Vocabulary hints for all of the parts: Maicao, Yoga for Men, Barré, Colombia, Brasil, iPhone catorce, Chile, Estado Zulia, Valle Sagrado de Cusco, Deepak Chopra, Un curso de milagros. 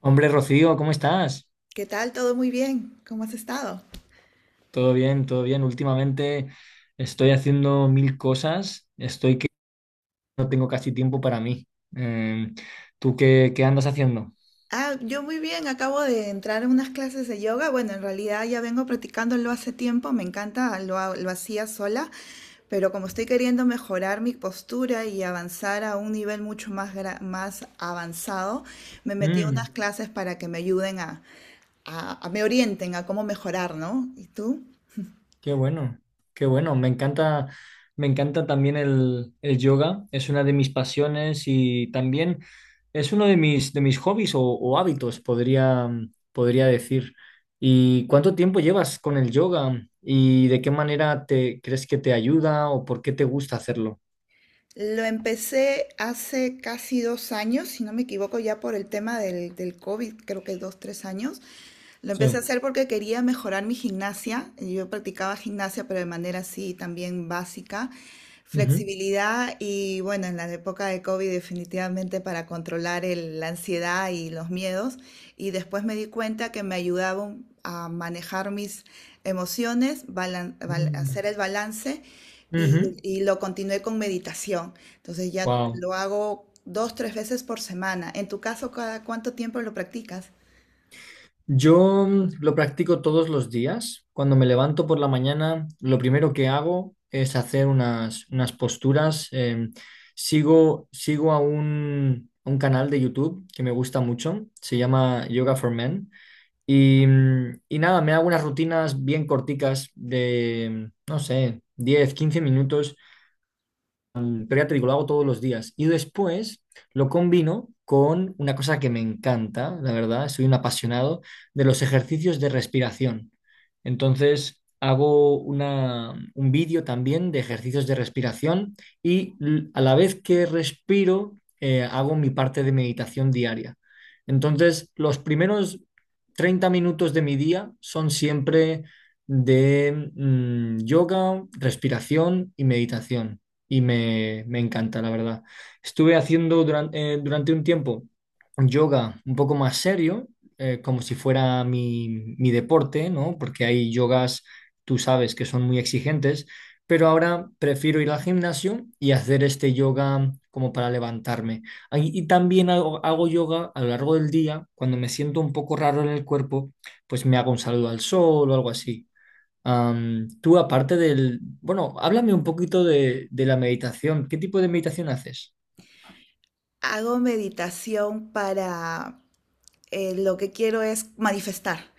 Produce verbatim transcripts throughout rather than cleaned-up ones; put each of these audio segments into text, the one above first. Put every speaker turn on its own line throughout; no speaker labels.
Hombre, Rocío, ¿cómo estás?
¿Qué tal? ¿Todo muy bien? ¿Cómo has estado?
Todo bien, todo bien. Últimamente estoy haciendo mil cosas, estoy que no tengo casi tiempo para mí. Eh, ¿Tú qué, qué andas haciendo?
Ah, yo muy bien. Acabo de entrar en unas clases de yoga. Bueno, en realidad ya vengo practicándolo hace tiempo. Me encanta, lo, ha- lo hacía sola, pero como estoy queriendo mejorar mi postura y avanzar a un nivel mucho más, gra- más avanzado, me metí a unas clases para que me ayuden a, a- a- me orienten a cómo mejorar, ¿no? ¿Y tú?
Qué bueno, qué bueno. Me encanta, me encanta también el, el yoga. Es una de mis pasiones y también es uno de mis, de mis hobbies o, o hábitos, podría, podría decir. ¿Y cuánto tiempo llevas con el yoga? ¿Y de qué manera te crees que te ayuda o por qué te gusta hacerlo?
Lo empecé hace casi dos años, si no me equivoco, ya por el tema del, del COVID, creo que dos, tres años. Lo empecé a
Sí.
hacer porque quería mejorar mi gimnasia. Yo practicaba gimnasia, pero de manera así también básica. Flexibilidad y bueno, en la época de COVID definitivamente para controlar el- la ansiedad y los miedos. Y después me di cuenta que me ayudaba un- a manejar mis emociones, balan- bal- hacer el balance y, y lo continué con meditación. Entonces ya
Wow.
lo hago dos, tres veces por semana. En tu caso, ¿cada cuánto tiempo lo practicas?
Yo mm, lo practico todos los días. Cuando me levanto por la mañana, lo primero que hago es hacer unas, unas posturas. Eh, sigo, sigo a un, a un canal de YouTube que me gusta mucho. Se llama Yoga for Men. Y, mm, y nada, me hago unas rutinas bien corticas de, no sé, diez quince minutos el, pero ya lo hago todos los días. Y después lo combino con una cosa que me encanta, la verdad, soy un apasionado de los ejercicios de respiración. Entonces, hago una, un vídeo también de ejercicios de respiración y l- a la vez que respiro, eh, hago mi parte de meditación diaria. Entonces, los primeros treinta minutos de mi día son siempre de mm, yoga, respiración y meditación y me, me encanta, la verdad. Estuve haciendo durante, eh, durante un tiempo yoga un poco más serio, eh, como si fuera mi, mi deporte, ¿no? Porque hay yogas, tú sabes, que son muy exigentes, pero ahora prefiero ir al gimnasio y hacer este yoga como para levantarme. Ay, y también hago, hago yoga a lo largo del día, cuando me siento un poco raro en el cuerpo, pues me hago un saludo al sol o algo así. Am, tú, aparte del... Bueno, háblame un poquito de, de la meditación. ¿Qué tipo de meditación haces?
Hago meditación para eh, lo que quiero es manifestar,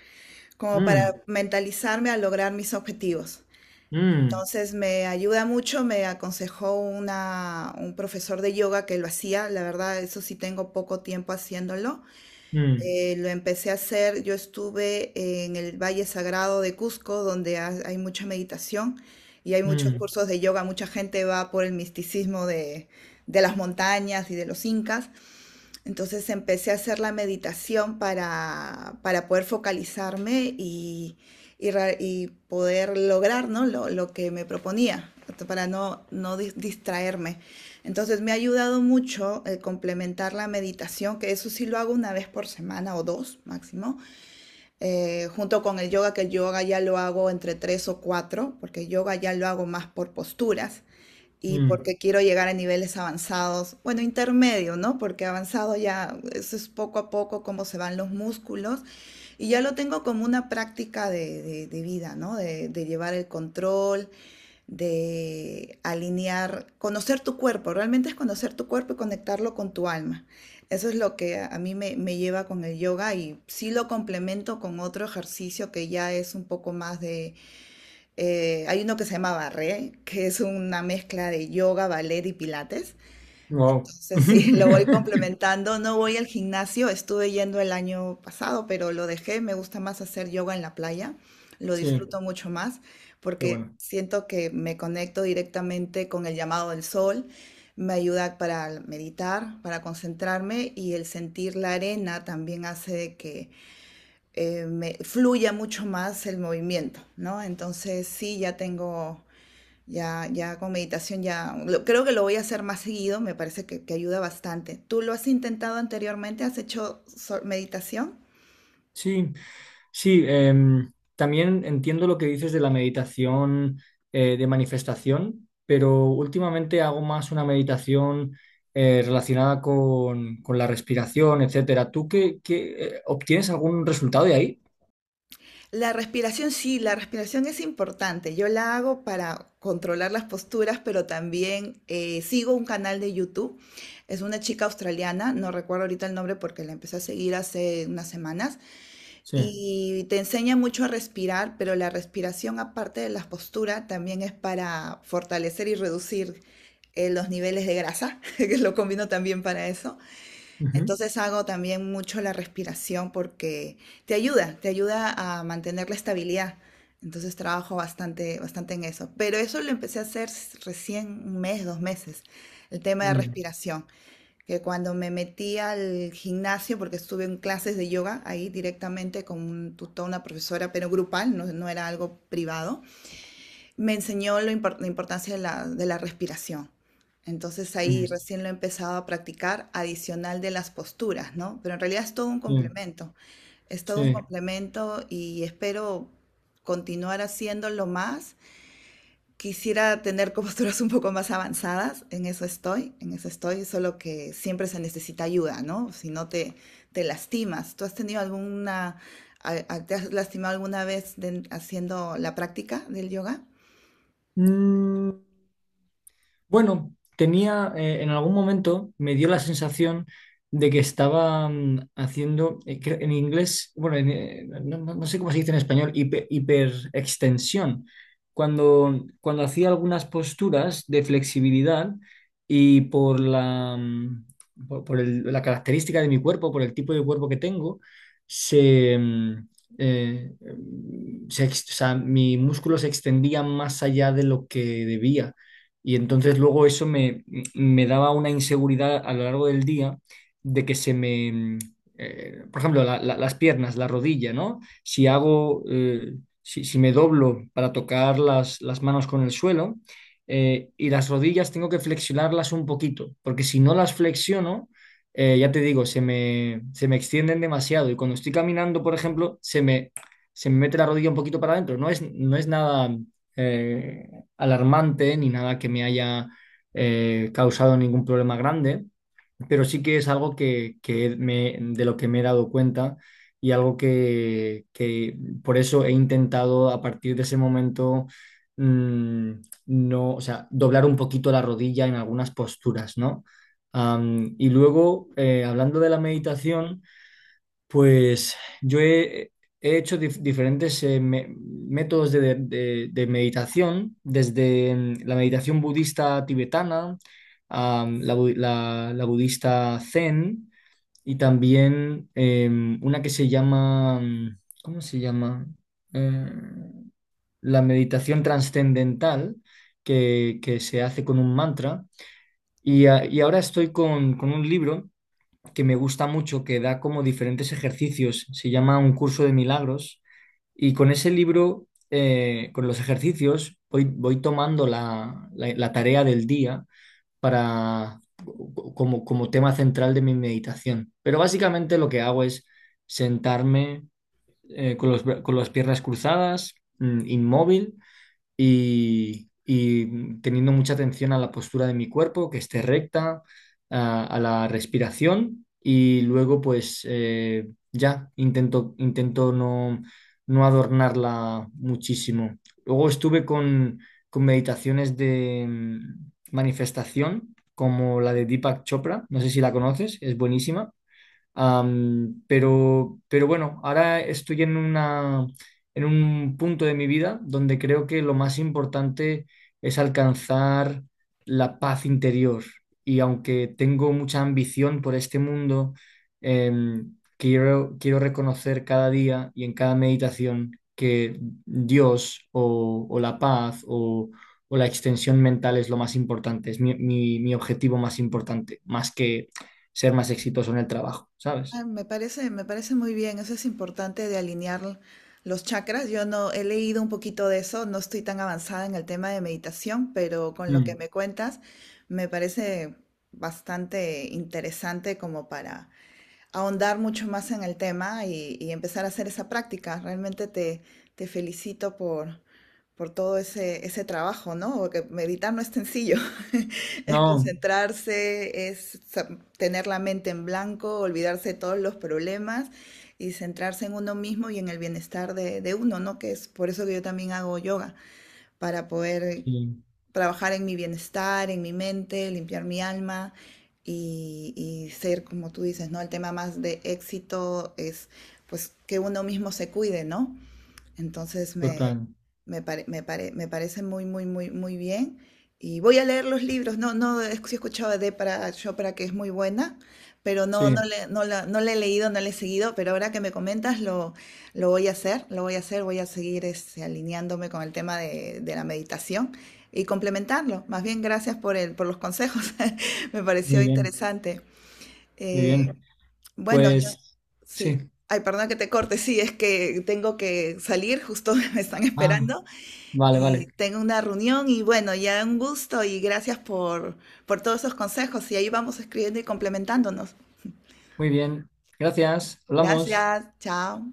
como para
Mm,
mentalizarme a lograr mis objetivos.
mm,
Entonces me ayuda mucho, me aconsejó una, un profesor de yoga que lo hacía, la verdad, eso sí tengo poco tiempo haciéndolo.
mm,
Eh, lo empecé a hacer, yo estuve en el Valle Sagrado de Cusco, donde ha- hay mucha meditación y hay muchos
mm,
cursos de yoga, mucha gente va por el misticismo de, de las montañas y de los incas. Entonces empecé a hacer la meditación para, para poder focalizarme y, y ra- y poder lograr, ¿no? lo, lo que me proponía, para no, no dis- distraerme. Entonces me ha ayudado mucho el complementar la meditación, que eso sí lo hago una vez por semana o dos máximo, eh, junto con el yoga, que el yoga ya lo hago entre tres o cuatro, porque el yoga ya lo hago más por posturas y
mm.
porque quiero llegar a niveles avanzados, bueno, intermedio, ¿no? Porque avanzado ya eso es poco a poco cómo se van los músculos y ya lo tengo como una práctica de, de- de vida, ¿no? De, de llevar el control, de alinear, conocer tu cuerpo, realmente es conocer tu cuerpo y conectarlo con tu alma. Eso es lo que a a mí me, me lleva con el yoga y sí lo complemento con otro ejercicio que ya es un poco más eh, hay uno que se llama Barré, que es una mezcla de yoga, ballet y pilates.
Wow.
Entonces, sí, lo voy complementando. No voy al gimnasio, estuve yendo el año pasado, pero lo dejé. Me gusta más hacer yoga en la playa, lo
Sí,
disfruto mucho más
qué
porque
bueno.
siento que me conecto directamente con el llamado del sol. Me ayuda para meditar, para concentrarme y el sentir la arena también hace de que eh, me fluya mucho más el movimiento, ¿no? Entonces sí, ya tengo ya, ya con meditación ya, lo- creo que lo voy a hacer más seguido, me parece que, que ayuda bastante. ¿Tú lo has intentado anteriormente? ¿Has hecho so- meditación?
Sí, sí, em, también entiendo lo que dices de la meditación eh, de manifestación, pero últimamente hago más una meditación eh, relacionada con, con la respiración, etcétera. ¿Tú qué, qué, eh, obtienes algún resultado de ahí?
La respiración, sí, la respiración es importante. Yo la hago para controlar las posturas, pero también eh, sigo un canal de YouTube. Es una chica australiana, no recuerdo ahorita el nombre porque la empecé a seguir hace unas semanas.
Sí.
Y te enseña mucho a respirar, pero la respiración, aparte de la postura, también es para fortalecer y reducir eh, los niveles de grasa, que lo combino también para eso. Entonces hago también mucho la respiración porque te ayuda, te ayuda a mantener la estabilidad. Entonces trabajo bastante, bastante en eso. Pero eso lo empecé a hacer s- recién un mes, dos meses, el tema de
Mm,
respiración que cuando me metí al gimnasio, porque estuve en clases de yoga ahí directamente con un tutor, una profesora, pero grupal, no, no era algo privado, me enseñó lo impor- la importancia de la, de la respiración. Entonces ahí
mm,
recién lo he empezado a practicar adicional de las posturas, ¿no? Pero en realidad es todo un
sí,
complemento, es todo un
sí.
complemento y espero continuar haciéndolo más. Quisiera tener posturas un poco más avanzadas, en eso estoy, en eso estoy, solo que siempre se necesita ayuda, ¿no? Si no te, te lastimas. ¿Tú has tenido alguna, a- a- te has lastimado alguna vez de- haciendo la práctica del yoga?
Mm, Bueno, tenía, eh, en algún momento me dio la sensación de que estaba mm, haciendo, eh, cre- en inglés, bueno, en, eh, no, no- no sé cómo se dice en español, hiper, hiperextensión. Cuando, cuando hacía algunas posturas de flexibilidad y por la, mm, por, por el- la característica de mi cuerpo, por el tipo de cuerpo que tengo, se, mm, eh, mm, se ex- o sea, mi músculo se extendía más allá de lo que debía. Y entonces luego eso me, me daba una inseguridad a lo largo del día de que se me, mm, eh, por ejemplo, la- la- las piernas, la rodilla, ¿no? Si hago, eh, si, si me doblo para tocar las, las manos con el suelo eh, y las rodillas tengo que flexionarlas un poquito, porque si no las flexiono, eh, ya te digo, se me, se me extienden demasiado y cuando estoy caminando, por ejemplo, se me, se me mete la rodilla un poquito para adentro. No es, no es nada eh, alarmante ni nada que me haya eh, causado ningún problema grande, pero sí que es algo que, que me, de lo que me he dado cuenta y algo que, que por eso he intentado a partir de ese momento mm, no, o sea, doblar un poquito la rodilla en algunas posturas, ¿no? Am, y luego, eh, hablando de la meditación, pues yo he, he hecho dif- diferentes eh, me- métodos de, de- de meditación, desde mm, la meditación budista tibetana, a la, bu- la- la budista zen y también em, una que se llama, mm, ¿cómo se llama? Eh, la meditación trascendental que, que se hace con un mantra. Y, a- y ahora estoy con, con un libro que me gusta mucho, que da como diferentes ejercicios. Se llama Un curso de milagros. Y con ese libro, eh, con los ejercicios, voy, voy tomando la, la- la tarea del día para, como, como tema central de mi meditación. Pero básicamente lo que hago es sentarme eh, con los bra- con las piernas cruzadas, mm, inmóvil, y, y teniendo mucha atención a la postura de mi cuerpo, que esté recta, a, a la respiración y luego pues eh, ya intento, intento no, no adornarla muchísimo. Luego estuve con, con meditaciones de mm, manifestación como la de Deepak Chopra, no sé si la conoces, es buenísima. Am, pero, pero bueno, ahora estoy en una, en un punto de mi vida donde creo que lo más importante es alcanzar la paz interior. Y aunque tengo mucha ambición por este mundo, em, quiero, quiero reconocer cada día y en cada meditación que Dios o, o la paz o, o la extensión mental es lo más importante, es mi, mi mi objetivo más importante, más que ser más exitoso en el trabajo, ¿sabes?
Ah, me parece, me parece muy bien, eso es importante de alinear los chakras. Yo no he leído un poquito de eso, no estoy tan avanzada en el tema de meditación, pero con lo que
Mm,
me cuentas me parece bastante interesante como para ahondar mucho más en el tema y, y empezar a hacer esa práctica. Realmente te, te felicito por, por todo ese, ese trabajo, ¿no? Porque meditar no es sencillo, es
no,
concentrarse, es sa- tener la mente en blanco, olvidarse de todos los problemas y centrarse en uno mismo y en el bienestar de, de uno, ¿no? Que es por eso que yo también hago yoga, para poder
sí,
trabajar en mi bienestar, en mi mente, limpiar mi alma y, y ser, como tú dices, ¿no? El tema más de éxito es pues que uno mismo se cuide, ¿no? Entonces me,
total.
me, pare- me, pare- me parece muy, muy, muy, muy bien. Y voy a leer los libros. No, no, he sí he escuchado de para Chopra que es muy buena, pero no, no
Sí,
le, no la, no la he leído, no la he seguido. Pero ahora que me comentas, lo, lo voy a hacer, lo voy a hacer, voy a seguir este, alineándome con el tema de, de la meditación y complementarlo. Más bien, gracias por el, por los consejos. Me pareció
muy bien,
interesante.
muy
Eh,
bien.
bueno, yo
Pues sí.
sí. Ay, perdón que te corte. Sí, es que tengo que salir, justo me están
Ah,
esperando
vale, vale.
y tengo una reunión y bueno, ya un gusto y gracias por por todos esos consejos y ahí vamos escribiendo y complementándonos.
Muy bien. Gracias. Hablamos.
Gracias, chao.